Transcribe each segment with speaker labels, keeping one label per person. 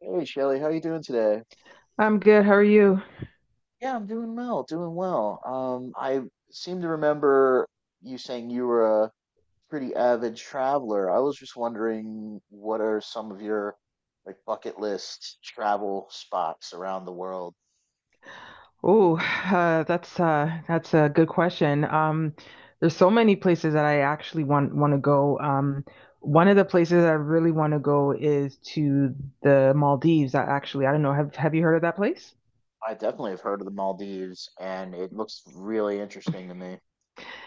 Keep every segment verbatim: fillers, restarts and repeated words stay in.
Speaker 1: Hey Shelly, how you doing today?
Speaker 2: I'm good. How are you?
Speaker 1: Yeah, I'm doing well, doing well. Um, I seem to remember you saying you were a pretty avid traveler. I was just wondering, what are some of your like bucket list travel spots around the world?
Speaker 2: Oh, uh, that's uh, that's a good question. Um, there's so many places that I actually want want to go. Um, one of the places I really want to go is to the Maldives. I actually, I don't know. Have have you heard of that place?
Speaker 1: I definitely have heard of the Maldives, and it looks really interesting to me.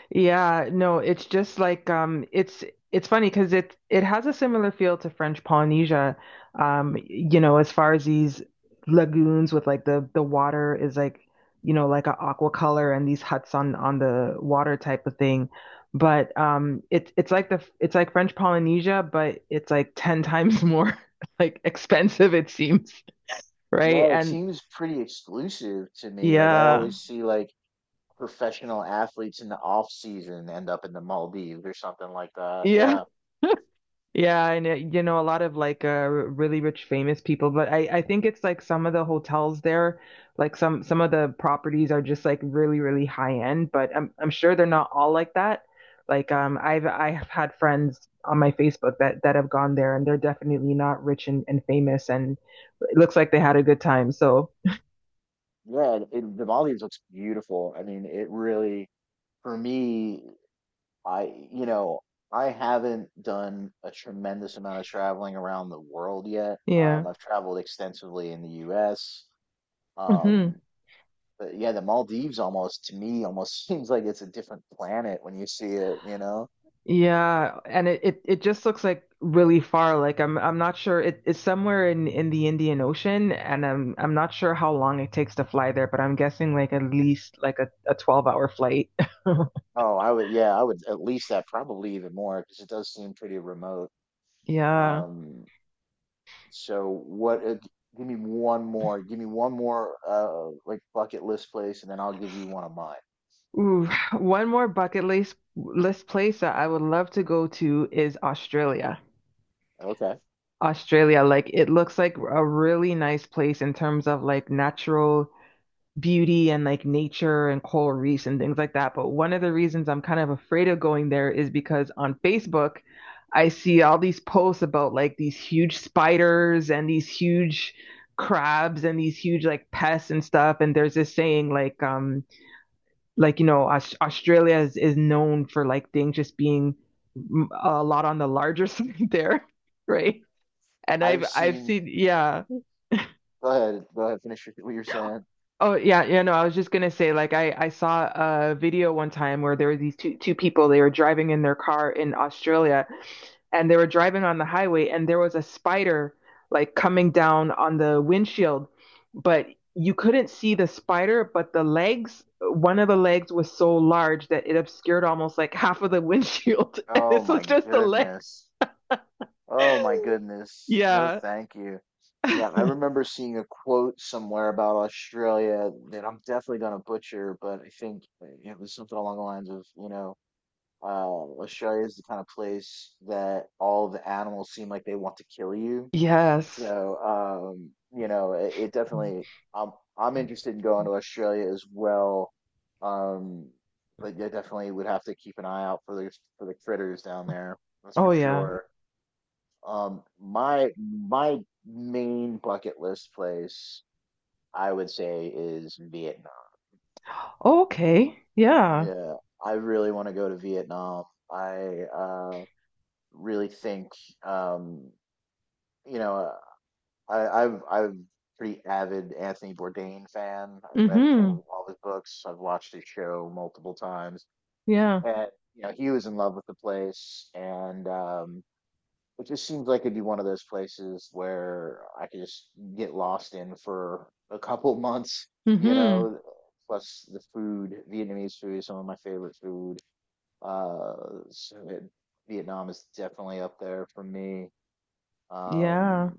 Speaker 2: Yeah, no, it's just like um it's it's funny because it it has a similar feel to French Polynesia, um, you know, as far as these lagoons with like the the water is like, you know, like an aqua color and these huts on on the water type of thing. But um it's it's like the it's like French Polynesia, but it's like ten times more like expensive it seems, right?
Speaker 1: Yeah, it
Speaker 2: And
Speaker 1: seems pretty exclusive to me. Like I
Speaker 2: yeah.
Speaker 1: always see like professional athletes in the off season end up in the Maldives or something like that.
Speaker 2: Yeah.
Speaker 1: Yeah.
Speaker 2: Yeah, and it, you know, a lot of like uh, r- really rich famous people, but I I think it's like some of the hotels there, like some some of the properties are just like really really high end, but I'm I'm sure they're not all like that. Like um I've I've had friends on my Facebook that that have gone there and they're definitely not rich and, and famous and it looks like they had a good time. So,
Speaker 1: Yeah, and it, the Maldives looks beautiful. I mean, it really, for me, I, you know, I haven't done a tremendous amount of traveling around the world yet.
Speaker 2: yeah.
Speaker 1: Um, I've traveled extensively in the U S. Um,
Speaker 2: Mhm.
Speaker 1: but yeah, the Maldives almost, to me, almost seems like it's a different planet when you see it, you know?
Speaker 2: Yeah, and it, it it just looks like really far. Like I'm I'm not sure it, it's somewhere in in the Indian Ocean, and I'm I'm not sure how long it takes to fly there, but I'm guessing like at least like a, a twelve hour flight.
Speaker 1: Oh, I would, yeah, I would at least that, probably even more, because it does seem pretty remote.
Speaker 2: Yeah.
Speaker 1: Um, So what? Uh, give me one more. Give me one more uh like bucket list place, and then I'll give you one of mine.
Speaker 2: Ooh, one more bucket list list place that I would love to go to is Australia.
Speaker 1: Okay.
Speaker 2: Australia, like it looks like a really nice place in terms of like natural beauty and like nature and coral reefs and things like that. But one of the reasons I'm kind of afraid of going there is because on Facebook, I see all these posts about like these huge spiders and these huge crabs and these huge like pests and stuff. And there's this saying like, um, like you know, Aus- Australia is, is known for like things just being mm, a lot on the larger side there, right? And I've
Speaker 1: I've
Speaker 2: I've
Speaker 1: seen.
Speaker 2: seen, yeah.
Speaker 1: Go ahead. Go ahead. Finish your, what you're saying.
Speaker 2: Oh yeah, yeah, no, I was just gonna say, like I, I saw a video one time where there were these two two people, they were driving in their car in Australia and they were driving on the highway and there was a spider like coming down on the windshield, but you couldn't see the spider, but the legs, one of the legs was so large that it obscured almost like half of the windshield. And
Speaker 1: Oh
Speaker 2: this
Speaker 1: my
Speaker 2: was just the leg.
Speaker 1: goodness. Oh my goodness. No,
Speaker 2: Yeah.
Speaker 1: thank you. Yeah, I remember seeing a quote somewhere about Australia that I'm definitely gonna butcher, but I think uh, it was something along the lines of, you know, uh, Australia is the kind of place that all the animals seem like they want to kill you.
Speaker 2: Yes.
Speaker 1: So, um, you know, it, it definitely, I'm, I'm interested in going to Australia as well. Um, but you definitely would have to keep an eye out for the, for the critters down there. That's for
Speaker 2: Oh yeah.
Speaker 1: sure. Um, my, my main bucket list place, I would say, is Vietnam.
Speaker 2: Oh, okay. Yeah.
Speaker 1: Yeah, I really want to go to Vietnam. I uh, really think, um, you know. I, I've I'm pretty avid Anthony Bourdain fan. I've read sort
Speaker 2: Mm-hmm.
Speaker 1: of all his books. I've watched his show multiple times,
Speaker 2: Yeah.
Speaker 1: and you know he was in love with the place, and um, it just seems like it'd be one of those places where I could just get lost in for a couple months. You
Speaker 2: Mm-hmm.
Speaker 1: know, plus the food, Vietnamese food is some of my favorite food. Uh, so it, Vietnam is definitely up there for me. Um,
Speaker 2: Yeah.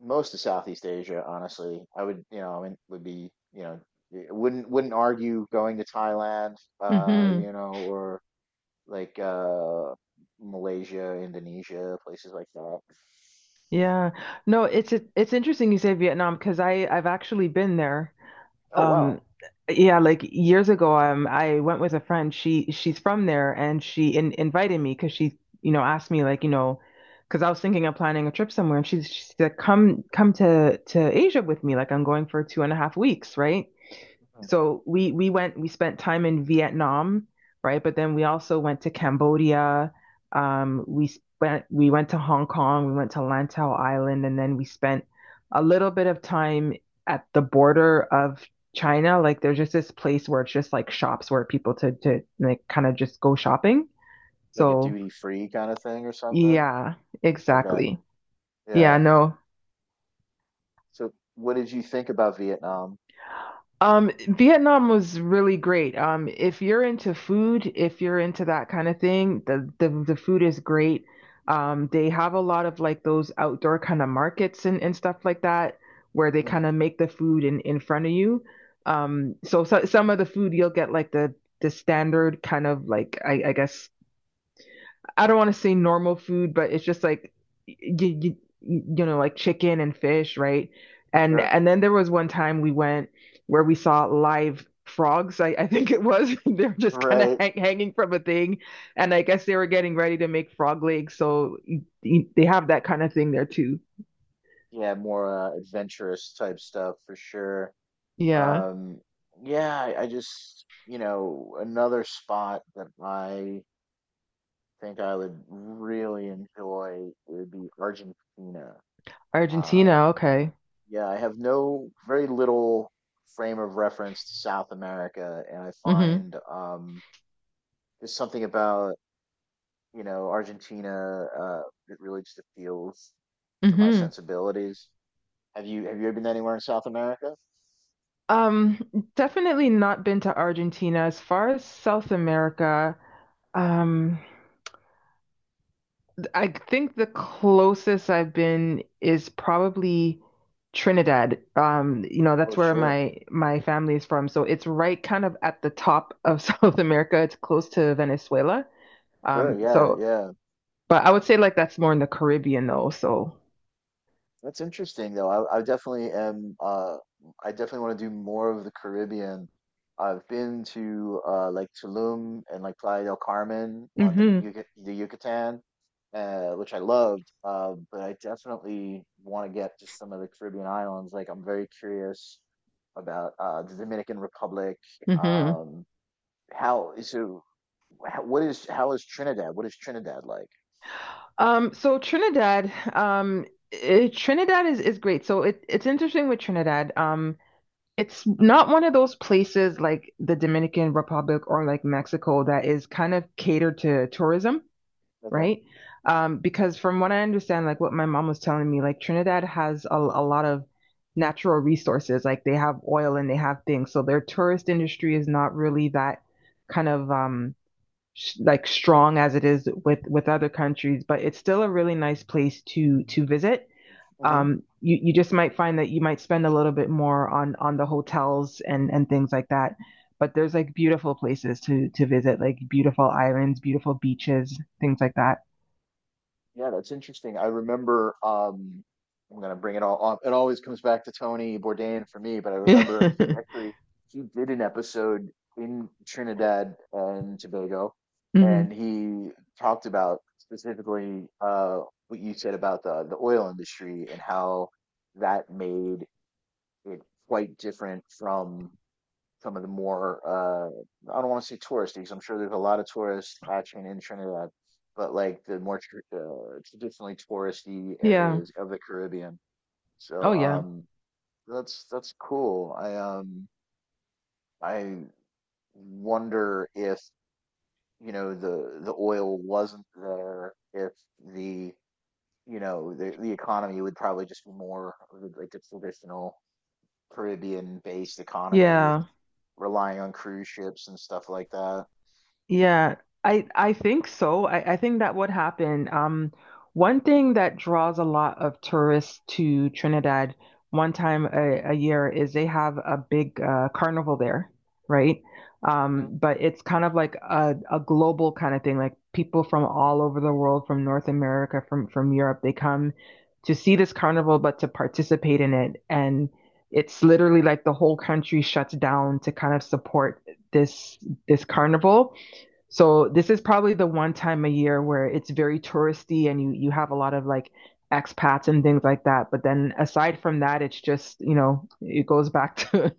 Speaker 1: most of Southeast Asia, honestly. I would, you know, I mean, would be, you know, y- wouldn't wouldn't argue going to Thailand, uh,
Speaker 2: Hmm.
Speaker 1: you know, or like uh Malaysia, Indonesia, places like that.
Speaker 2: Yeah. No, it's it, it's interesting you say Vietnam because I I've actually been there.
Speaker 1: Oh wow.
Speaker 2: Um yeah, like years ago um I went with a friend. She she's from there and she in, invited me because she, you know, asked me like, you know, because I was thinking of planning a trip somewhere and she's she said come come to to Asia with me like I'm going for two and a half weeks, right?
Speaker 1: Mhm.
Speaker 2: So we we went we spent time in Vietnam, right? But then we also went to Cambodia. Um, we spent we went to Hong Kong, we went to Lantau Island, and then we spent a little bit of time at the border of China. Like there's just this place where it's just like shops where people to to like kind of just go shopping.
Speaker 1: Like a
Speaker 2: So
Speaker 1: duty free kind of thing or something.
Speaker 2: yeah,
Speaker 1: Okay.
Speaker 2: exactly. Yeah,
Speaker 1: Yeah.
Speaker 2: no,
Speaker 1: So what did you think about Vietnam?
Speaker 2: Um, Vietnam was really great. Um, if you're into food, if you're into that kind of thing, the the, the food is great. Um, they have a lot of like those outdoor kind of markets and, and stuff like that where they
Speaker 1: Hmm.
Speaker 2: kind of make the food in, in front of you. Um, so, so some of the food you'll get like the the standard kind of like I, I guess I don't want to say normal food, but it's just like you, you you know like chicken and fish, right? And
Speaker 1: Sure.
Speaker 2: and then there was one time we went where we saw live frogs. I, I think it was they're just kind of
Speaker 1: Right.
Speaker 2: hang, hanging from a thing, and I guess they were getting ready to make frog legs, so y- y- they have that kind of thing there too.
Speaker 1: Yeah, more uh, adventurous type stuff for sure.
Speaker 2: Yeah,
Speaker 1: Um, yeah, I, I just, you know, another spot that I think I would really enjoy would be Argentina. Um,
Speaker 2: Argentina. Okay.
Speaker 1: yeah, I have no, very little frame of reference to South America, and I
Speaker 2: Mm-hmm.
Speaker 1: find um, there's something about, you know, Argentina uh, that really just appeals to my
Speaker 2: Mm-hmm.
Speaker 1: sensibilities. Have you have you ever been anywhere in South America?
Speaker 2: Um, Definitely not been to Argentina. As far as South America, um, I think the closest I've been is probably Trinidad. Um, you know,
Speaker 1: Oh,
Speaker 2: that's where
Speaker 1: sure,
Speaker 2: my my family is from. So it's right kind of at the top of South America. It's close to Venezuela.
Speaker 1: sure,
Speaker 2: Um,
Speaker 1: yeah,
Speaker 2: so
Speaker 1: yeah.
Speaker 2: but I would say like that's more in the Caribbean though. So
Speaker 1: That's interesting though. I, I definitely am uh I definitely want to do more of the Caribbean. I've been to uh like Tulum and like Playa del Carmen on the
Speaker 2: hmm.
Speaker 1: Yuc the Yucatan, uh which I loved. Uh but I definitely want to get to some of the Caribbean islands. Like I'm very curious about uh the Dominican Republic.
Speaker 2: Hmm.
Speaker 1: Um how so how, what is how is Trinidad? What is Trinidad like?
Speaker 2: Um, so Trinidad, um, it, Trinidad is is great. So it it's interesting with Trinidad. Um, It's not one of those places like the Dominican Republic or like Mexico that is kind of catered to tourism,
Speaker 1: Okay.
Speaker 2: right? Um, because from what I understand, like what my mom was telling me, like Trinidad has a, a lot of natural resources. Like they have oil and they have things. So their tourist industry is not really that kind of um sh like strong as it is with with other countries, but it's still a really nice place to to visit, um, you you just might find that you might spend a little bit more on on the hotels and and things like that. But there's like beautiful places to to visit, like beautiful islands, beautiful beaches, things like that.
Speaker 1: Yeah, that's interesting. I remember, um, I'm gonna bring it all up. It always comes back to Tony Bourdain for me, but I remember he actually he did an episode in Trinidad and Tobago, and
Speaker 2: Hmm.
Speaker 1: he talked about specifically uh what you said about the the oil industry, and how that made it quite different from some of the more uh I don't want to say touristy 'cause I'm sure there's a lot of tourist action in Trinidad, but like the more tr uh, traditionally touristy
Speaker 2: Yeah.
Speaker 1: areas of the Caribbean.
Speaker 2: Oh
Speaker 1: So
Speaker 2: yeah.
Speaker 1: um that's that's cool. I um I wonder if you know the the oil wasn't there, if the you know the the economy would probably just be more of the- like a traditional Caribbean based economy, with
Speaker 2: Yeah.
Speaker 1: relying on cruise ships and stuff like that.
Speaker 2: Yeah, I I think so. I, I think that would happen. Um, one thing that draws a lot of tourists to Trinidad one time a, a year is they have a big uh, carnival there, right? Um, but it's kind of like a, a global kind of thing. Like people from all over the world, from North America, from from Europe, they come to see this carnival, but to participate in it. And it's literally like the whole country shuts down to kind of support this this carnival. So this is probably the one time a year where it's very touristy and you you have a lot of like expats and things like that. But then aside from that, it's just, you know, it goes back to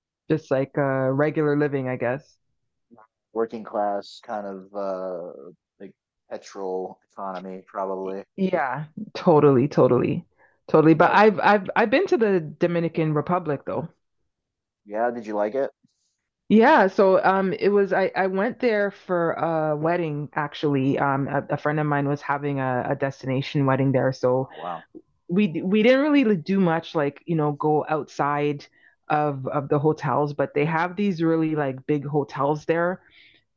Speaker 2: just like uh regular living, I guess.
Speaker 1: Working class kind of uh like petrol economy
Speaker 2: Y-
Speaker 1: probably.
Speaker 2: Yeah, totally, totally. Totally. But
Speaker 1: Well,
Speaker 2: I've I've I've been to the Dominican Republic though.
Speaker 1: yeah, did you like it?
Speaker 2: Yeah, so um it was I I went there for a wedding actually. Um a, a friend of mine was having a, a destination wedding there, so
Speaker 1: Oh wow.
Speaker 2: we we didn't really do much like you know go outside of of the hotels, but they have these really like big hotels there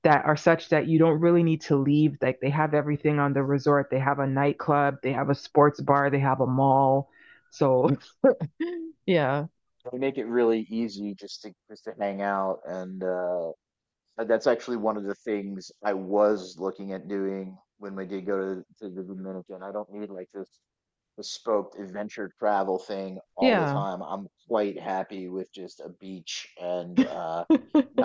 Speaker 2: that are such that you don't really need to leave. Like they have everything on the resort, they have a nightclub, they have a sports bar, they have a mall. So yeah.
Speaker 1: They make it really easy just to just to hang out and uh Uh, that's actually one of the things I was looking at doing when we did go to, to the Dominican. I don't need like this bespoke adventure travel thing all the
Speaker 2: Yeah.
Speaker 1: time. I'm quite happy with just a beach and uh,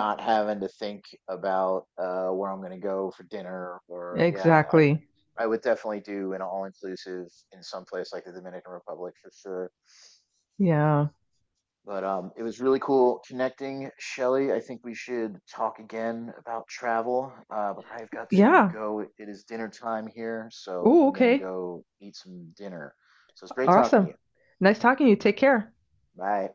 Speaker 1: not having to think about uh, where I'm going to go for dinner or yeah, I,
Speaker 2: Exactly.
Speaker 1: I would definitely do an all inclusive in some place like the Dominican Republic for sure.
Speaker 2: Yeah.
Speaker 1: But um, it was really cool connecting, Shelly. I think we should talk again about travel. Uh, but I've got to
Speaker 2: Yeah.
Speaker 1: go. It is dinner time here, so
Speaker 2: Oh,
Speaker 1: I'm gonna
Speaker 2: okay.
Speaker 1: go eat some dinner. So it's great talking to
Speaker 2: Awesome.
Speaker 1: you.
Speaker 2: Nice talking to you. Take care.
Speaker 1: Bye.